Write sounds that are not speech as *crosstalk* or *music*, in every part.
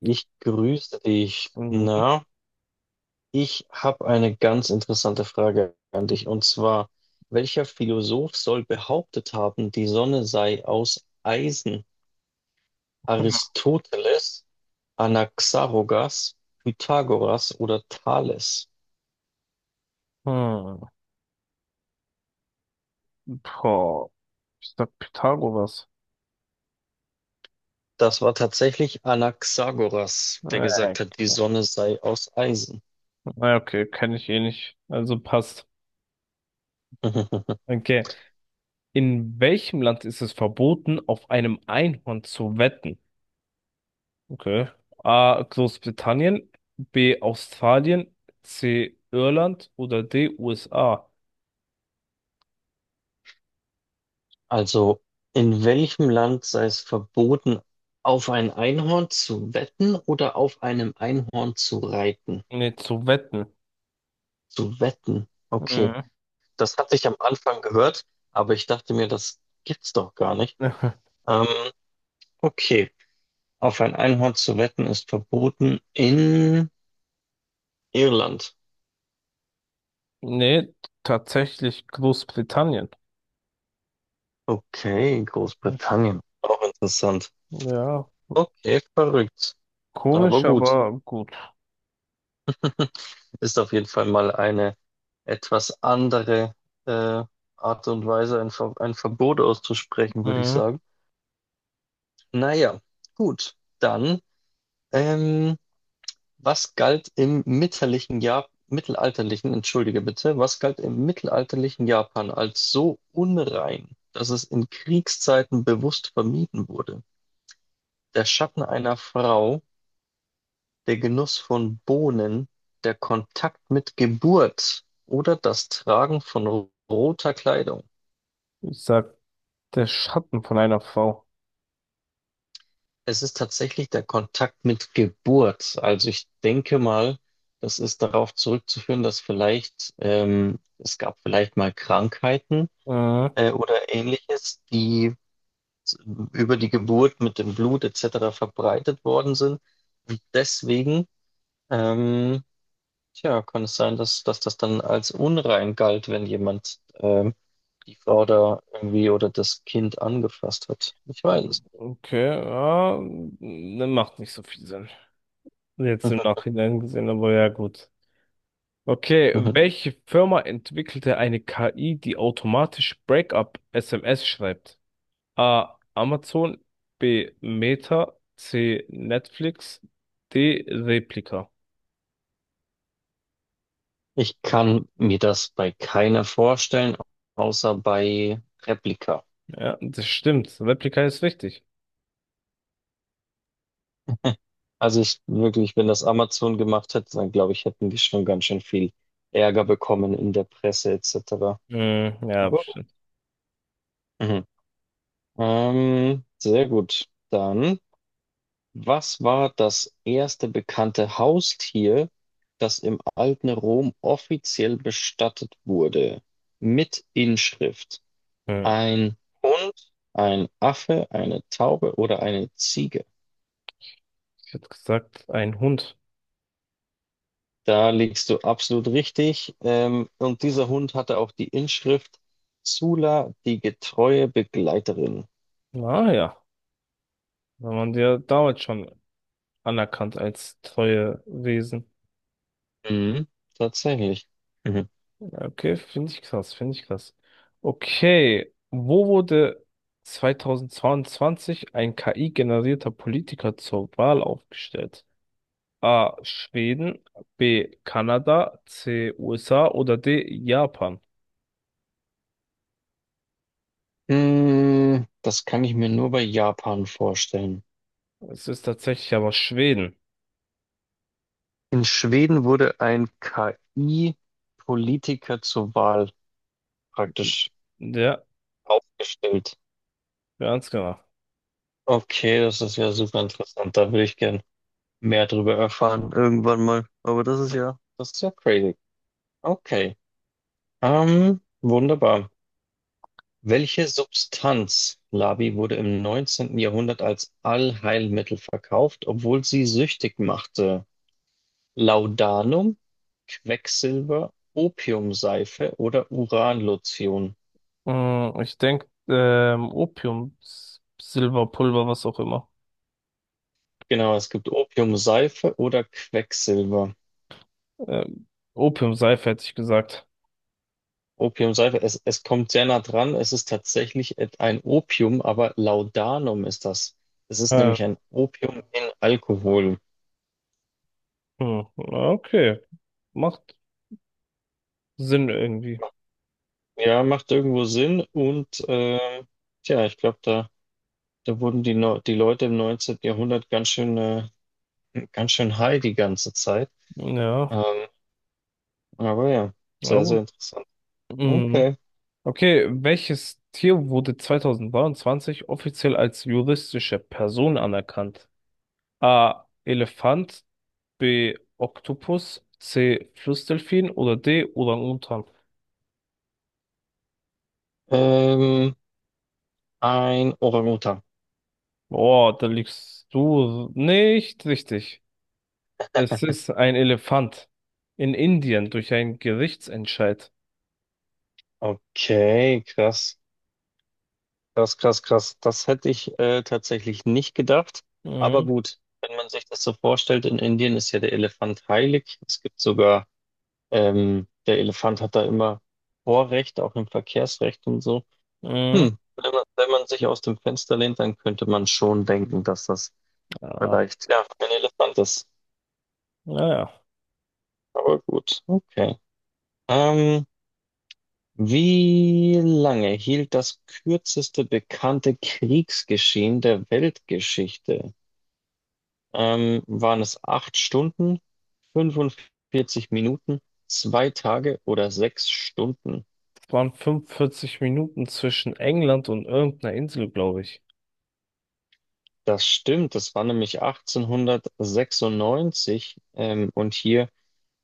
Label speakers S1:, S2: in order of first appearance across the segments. S1: Ich grüße dich.
S2: Mhm.
S1: Na, ich habe eine ganz interessante Frage an dich. Und zwar, welcher Philosoph soll behauptet haben, die Sonne sei aus Eisen? Aristoteles, Anaxagoras, Pythagoras oder Thales?
S2: Hm. Boah. Ich sag Pythagoras.
S1: Das war tatsächlich Anaxagoras, der
S2: Äh,
S1: gesagt hat, die Sonne sei aus Eisen.
S2: na, okay, kenne ich eh nicht. Also passt.
S1: *laughs*
S2: Okay. In welchem Land ist es verboten, auf einem Einhorn zu wetten? Okay. A. Großbritannien, B. Australien, C. Irland oder D. USA.
S1: Also, in welchem Land sei es verboten, auf ein Einhorn zu wetten oder auf einem Einhorn zu reiten?
S2: Nee, zu wetten.
S1: Zu wetten. Okay,
S2: Mhm.
S1: das hatte ich am Anfang gehört, aber ich dachte mir, das gibt's doch gar nicht.
S2: *laughs*
S1: Ähm, okay, auf ein Einhorn zu wetten ist verboten in Irland.
S2: Nee, tatsächlich Großbritannien.
S1: Okay, Großbritannien. Auch interessant.
S2: Ja,
S1: Okay, verrückt. Aber
S2: komisch,
S1: gut.
S2: aber gut.
S1: Ist auf jeden Fall mal eine etwas andere äh, Art und Weise, ein Verbot auszusprechen, würde ich
S2: Mhm.
S1: sagen. Naja, gut. Dann, ähm, was galt im mittelalterlichen Japan, mittelalterlichen, entschuldige bitte, was galt im mittelalterlichen Japan als so unrein, dass es in Kriegszeiten bewusst vermieden wurde? Der Schatten einer Frau, der Genuss von Bohnen, der Kontakt mit Geburt oder das Tragen von roter Kleidung?
S2: Ich sag der Schatten von einer Frau.
S1: Es ist tatsächlich der Kontakt mit Geburt. Also ich denke mal, das ist darauf zurückzuführen, dass vielleicht es gab vielleicht mal Krankheiten
S2: Äh,
S1: oder ähnliches, die s- über die Geburt mit dem Blut etc. verbreitet worden sind. Und deswegen, ähm, tja, kann es sein, dass, dass das dann als unrein galt, wenn jemand die Frau da irgendwie oder das Kind angefasst hat? Ich weiß es.
S2: okay, ja, ne, macht nicht so viel Sinn. Jetzt im
S1: *laughs*
S2: Nachhinein gesehen, aber ja gut. Okay,
S1: Mhm, mhm.
S2: welche Firma entwickelte eine KI, die automatisch Breakup-SMS schreibt? A. Amazon, B. Meta, C. Netflix, D. Replika.
S1: Ich kann mir das bei keiner vorstellen, außer bei Replika.
S2: Ja, das stimmt. Replika ist richtig.
S1: Also ich wirklich, wenn das Amazon gemacht hätte, dann glaube ich, hätten wir schon ganz schön viel Ärger bekommen in der Presse etc.
S2: Hm, ja,
S1: Aber,
S2: bestimmt.
S1: mhm. Sehr gut. Dann, was war das erste bekannte Haustier, das im alten Rom offiziell bestattet wurde? Mit Inschrift.
S2: Hm.
S1: Ein Hund, ein Affe, eine Taube oder eine Ziege?
S2: Ich hätte gesagt, ein Hund.
S1: Da liegst du absolut richtig. Und dieser Hund hatte auch die Inschrift Sulla, die getreue Begleiterin.
S2: Naja, wenn man dir damals schon anerkannt als treue Wesen.
S1: Mhm, tatsächlich. Mhm.
S2: Okay, finde ich krass, finde ich krass. Okay, wo wurde 2022 ein KI-generierter Politiker zur Wahl aufgestellt? A. Schweden, B. Kanada, C. USA oder D. Japan?
S1: Mm, das kann ich mir nur bei Japan vorstellen.
S2: Es ist tatsächlich aber Schweden.
S1: In Schweden wurde ein KI-Politiker zur Wahl praktisch
S2: Ja,
S1: aufgestellt.
S2: ganz genau.
S1: Okay, das ist ja super interessant. Da würde ich gern mehr drüber erfahren irgendwann mal. Aber das ist ja crazy. Okay, wunderbar. Welche Substanz, Labi, wurde im 19. Jahrhundert als Allheilmittel verkauft, obwohl sie süchtig machte? Laudanum, Quecksilber, Opiumseife oder Uranlotion?
S2: Mm, ich denke, Opium, Silberpulver, was auch immer.
S1: Genau, es gibt Opiumseife oder Quecksilber.
S2: Ähm, Opiumseife hätte ich gesagt.
S1: Opiumseife, es kommt sehr nah dran. Es ist tatsächlich ein Opium, aber Laudanum ist das. Es ist
S2: Äh,
S1: nämlich ein Opium in Alkohol.
S2: Hm, okay. Macht Sinn irgendwie.
S1: Ja, macht irgendwo Sinn und tja, ich glaube, da wurden die, die Leute im 19. Jahrhundert ganz schön high die ganze Zeit.
S2: Ja.
S1: Ähm, aber ja,
S2: Ja,
S1: sehr, sehr
S2: gut.
S1: interessant.
S2: Mhm.
S1: Okay.
S2: Okay, welches Tier wurde 2023 offiziell als juristische Person anerkannt? A. Elefant, B. Oktopus, C. Flussdelfin oder D. Orang-Utan?
S1: Ähm, ein Orang-Utan.
S2: Boah, da liegst du nicht richtig. Es ist ein Elefant in Indien durch einen Gerichtsentscheid.
S1: Okay, krass. Krass, krass, krass. Das hätte ich tatsächlich nicht gedacht. Aber
S2: Mhm.
S1: gut, wenn man sich das so vorstellt, in Indien ist ja der Elefant heilig. Es gibt sogar, der Elefant hat da immer Vorrecht, auch im Verkehrsrecht und so.
S2: Mhm.
S1: Hm, wenn man sich aus dem Fenster lehnt, dann könnte man schon denken, dass das
S2: Ah,
S1: vielleicht, ja, ein Elefant ist.
S2: naja.
S1: Aber gut, okay. Ähm, wie lange hielt das kürzeste bekannte Kriegsgeschehen der Weltgeschichte? Waren es acht Stunden, 45 Minuten, zwei Tage oder sechs Stunden?
S2: Waren 45 Minuten zwischen England und irgendeiner Insel, glaube ich.
S1: Das stimmt, das war nämlich 1896, und hier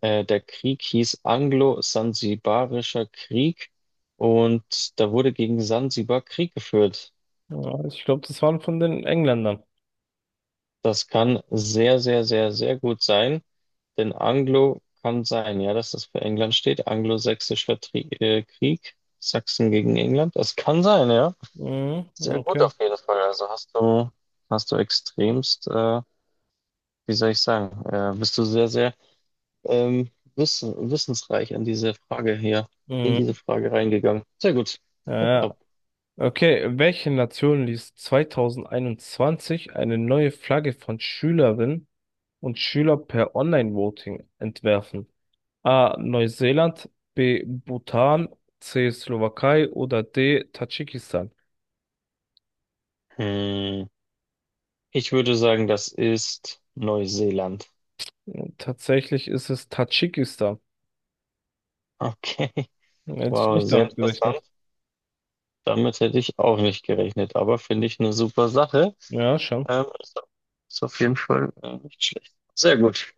S1: der Krieg hieß Anglo-Sansibarischer Krieg, und da wurde gegen Sansibar Krieg geführt.
S2: Ja, ich glaube, das waren von den Engländern.
S1: Das kann sehr, sehr, sehr, sehr gut sein, denn Anglo kann sein, ja, dass das für England steht. Anglo-Sächsischer Tri Krieg, Sachsen gegen England. Das kann sein, ja.
S2: Mhm,
S1: Sehr gut
S2: okay.
S1: auf jeden Fall. Also hast du extremst, wie soll ich sagen, bist du sehr, sehr wissensreich an diese Frage hier, in diese
S2: Mhm.
S1: Frage reingegangen. Sehr gut.
S2: Ja,
S1: Tip Top.
S2: ja. Okay, welche Nation ließ 2021 eine neue Flagge von Schülerinnen und Schülern per Online-Voting entwerfen? A. Neuseeland, B. Bhutan, C. Slowakei oder D. Tadschikistan?
S1: Hm. Ich würde sagen, das ist Neuseeland.
S2: Tatsächlich ist es Tadschikistan.
S1: Okay.
S2: Hätte ich
S1: Wow,
S2: nicht
S1: sehr
S2: damit
S1: interessant.
S2: gerechnet.
S1: Damit hätte ich auch nicht gerechnet, aber finde ich eine super Sache.
S2: Ja, schon.
S1: Ähm, ist, ist auf jeden Fall nicht schlecht. Sehr gut.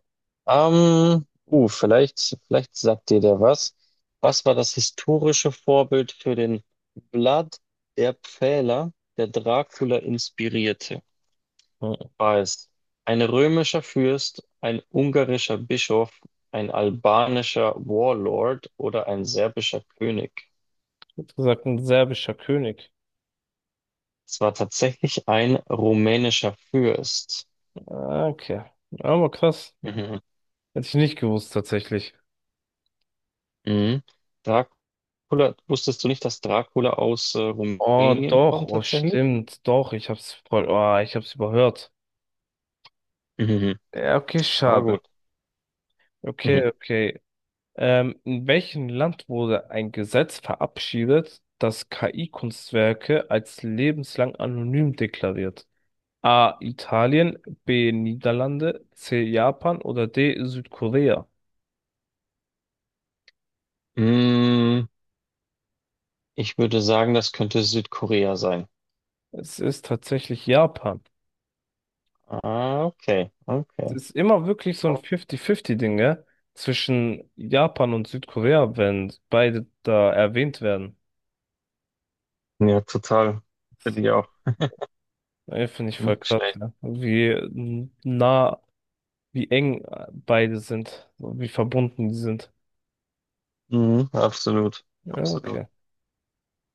S1: Vielleicht sagt dir der was. Was war das historische Vorbild für den Vlad der Pfähler, der Dracula inspirierte?
S2: Ja.
S1: War es ein römischer Fürst, ein ungarischer Bischof, ein albanischer Warlord oder ein serbischer König?
S2: Hat gesagt, ein serbischer König.
S1: Es war tatsächlich ein rumänischer Fürst.
S2: Ah, okay. Aber krass.
S1: Mhm.
S2: Hätte ich nicht gewusst, tatsächlich.
S1: Mhm. Dracula, wusstest du nicht, dass Dracula aus
S2: Oh,
S1: Rumänien
S2: doch.
S1: kommt
S2: Oh,
S1: tatsächlich?
S2: stimmt. Doch, ich hab's voll, oh, ich hab's überhört.
S1: Mhm.
S2: Ja, okay,
S1: Aber
S2: schade.
S1: gut.
S2: Okay,
S1: Mhm.
S2: okay. In welchem Land wurde ein Gesetz verabschiedet, das KI-Kunstwerke als lebenslang anonym deklariert? A. Italien, B. Niederlande, C. Japan oder D. Südkorea?
S1: Mm, ich würde sagen, das könnte Südkorea sein.
S2: Es ist tatsächlich Japan.
S1: Ah, okay,
S2: Es
S1: okay.
S2: ist immer wirklich so ein 50-50-Ding, gell? Zwischen Japan und Südkorea, wenn beide da erwähnt werden.
S1: Ja, total. Finde ich auch
S2: Ey, finde ich voll
S1: nicht
S2: krass,
S1: schlecht.
S2: ja. Wie nah, wie eng beide sind, wie verbunden die sind.
S1: Mhm, absolut,
S2: Ja,
S1: absolut.
S2: okay.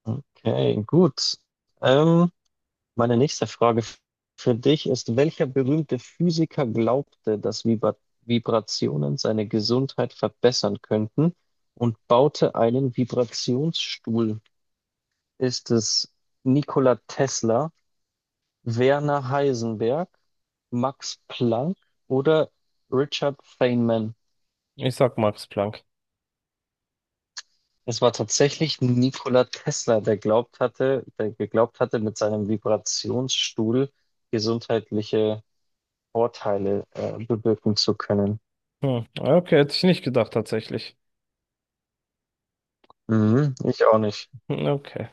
S1: Okay, gut. Ähm, meine nächste Frage für dich ist, welcher berühmte Physiker glaubte, dass Vibrationen seine Gesundheit verbessern könnten und baute einen Vibrationsstuhl? Ist es Nikola Tesla, Werner Heisenberg, Max Planck oder Richard Feynman?
S2: Ich sag Max Planck.
S1: Es war tatsächlich Nikola Tesla, der geglaubt hatte, mit seinem Vibrationsstuhl gesundheitliche Vorteile bewirken zu können.
S2: Hm. Ja, okay, hätte ich nicht gedacht, tatsächlich.
S1: Mhm, ich auch nicht.
S2: Hm, okay.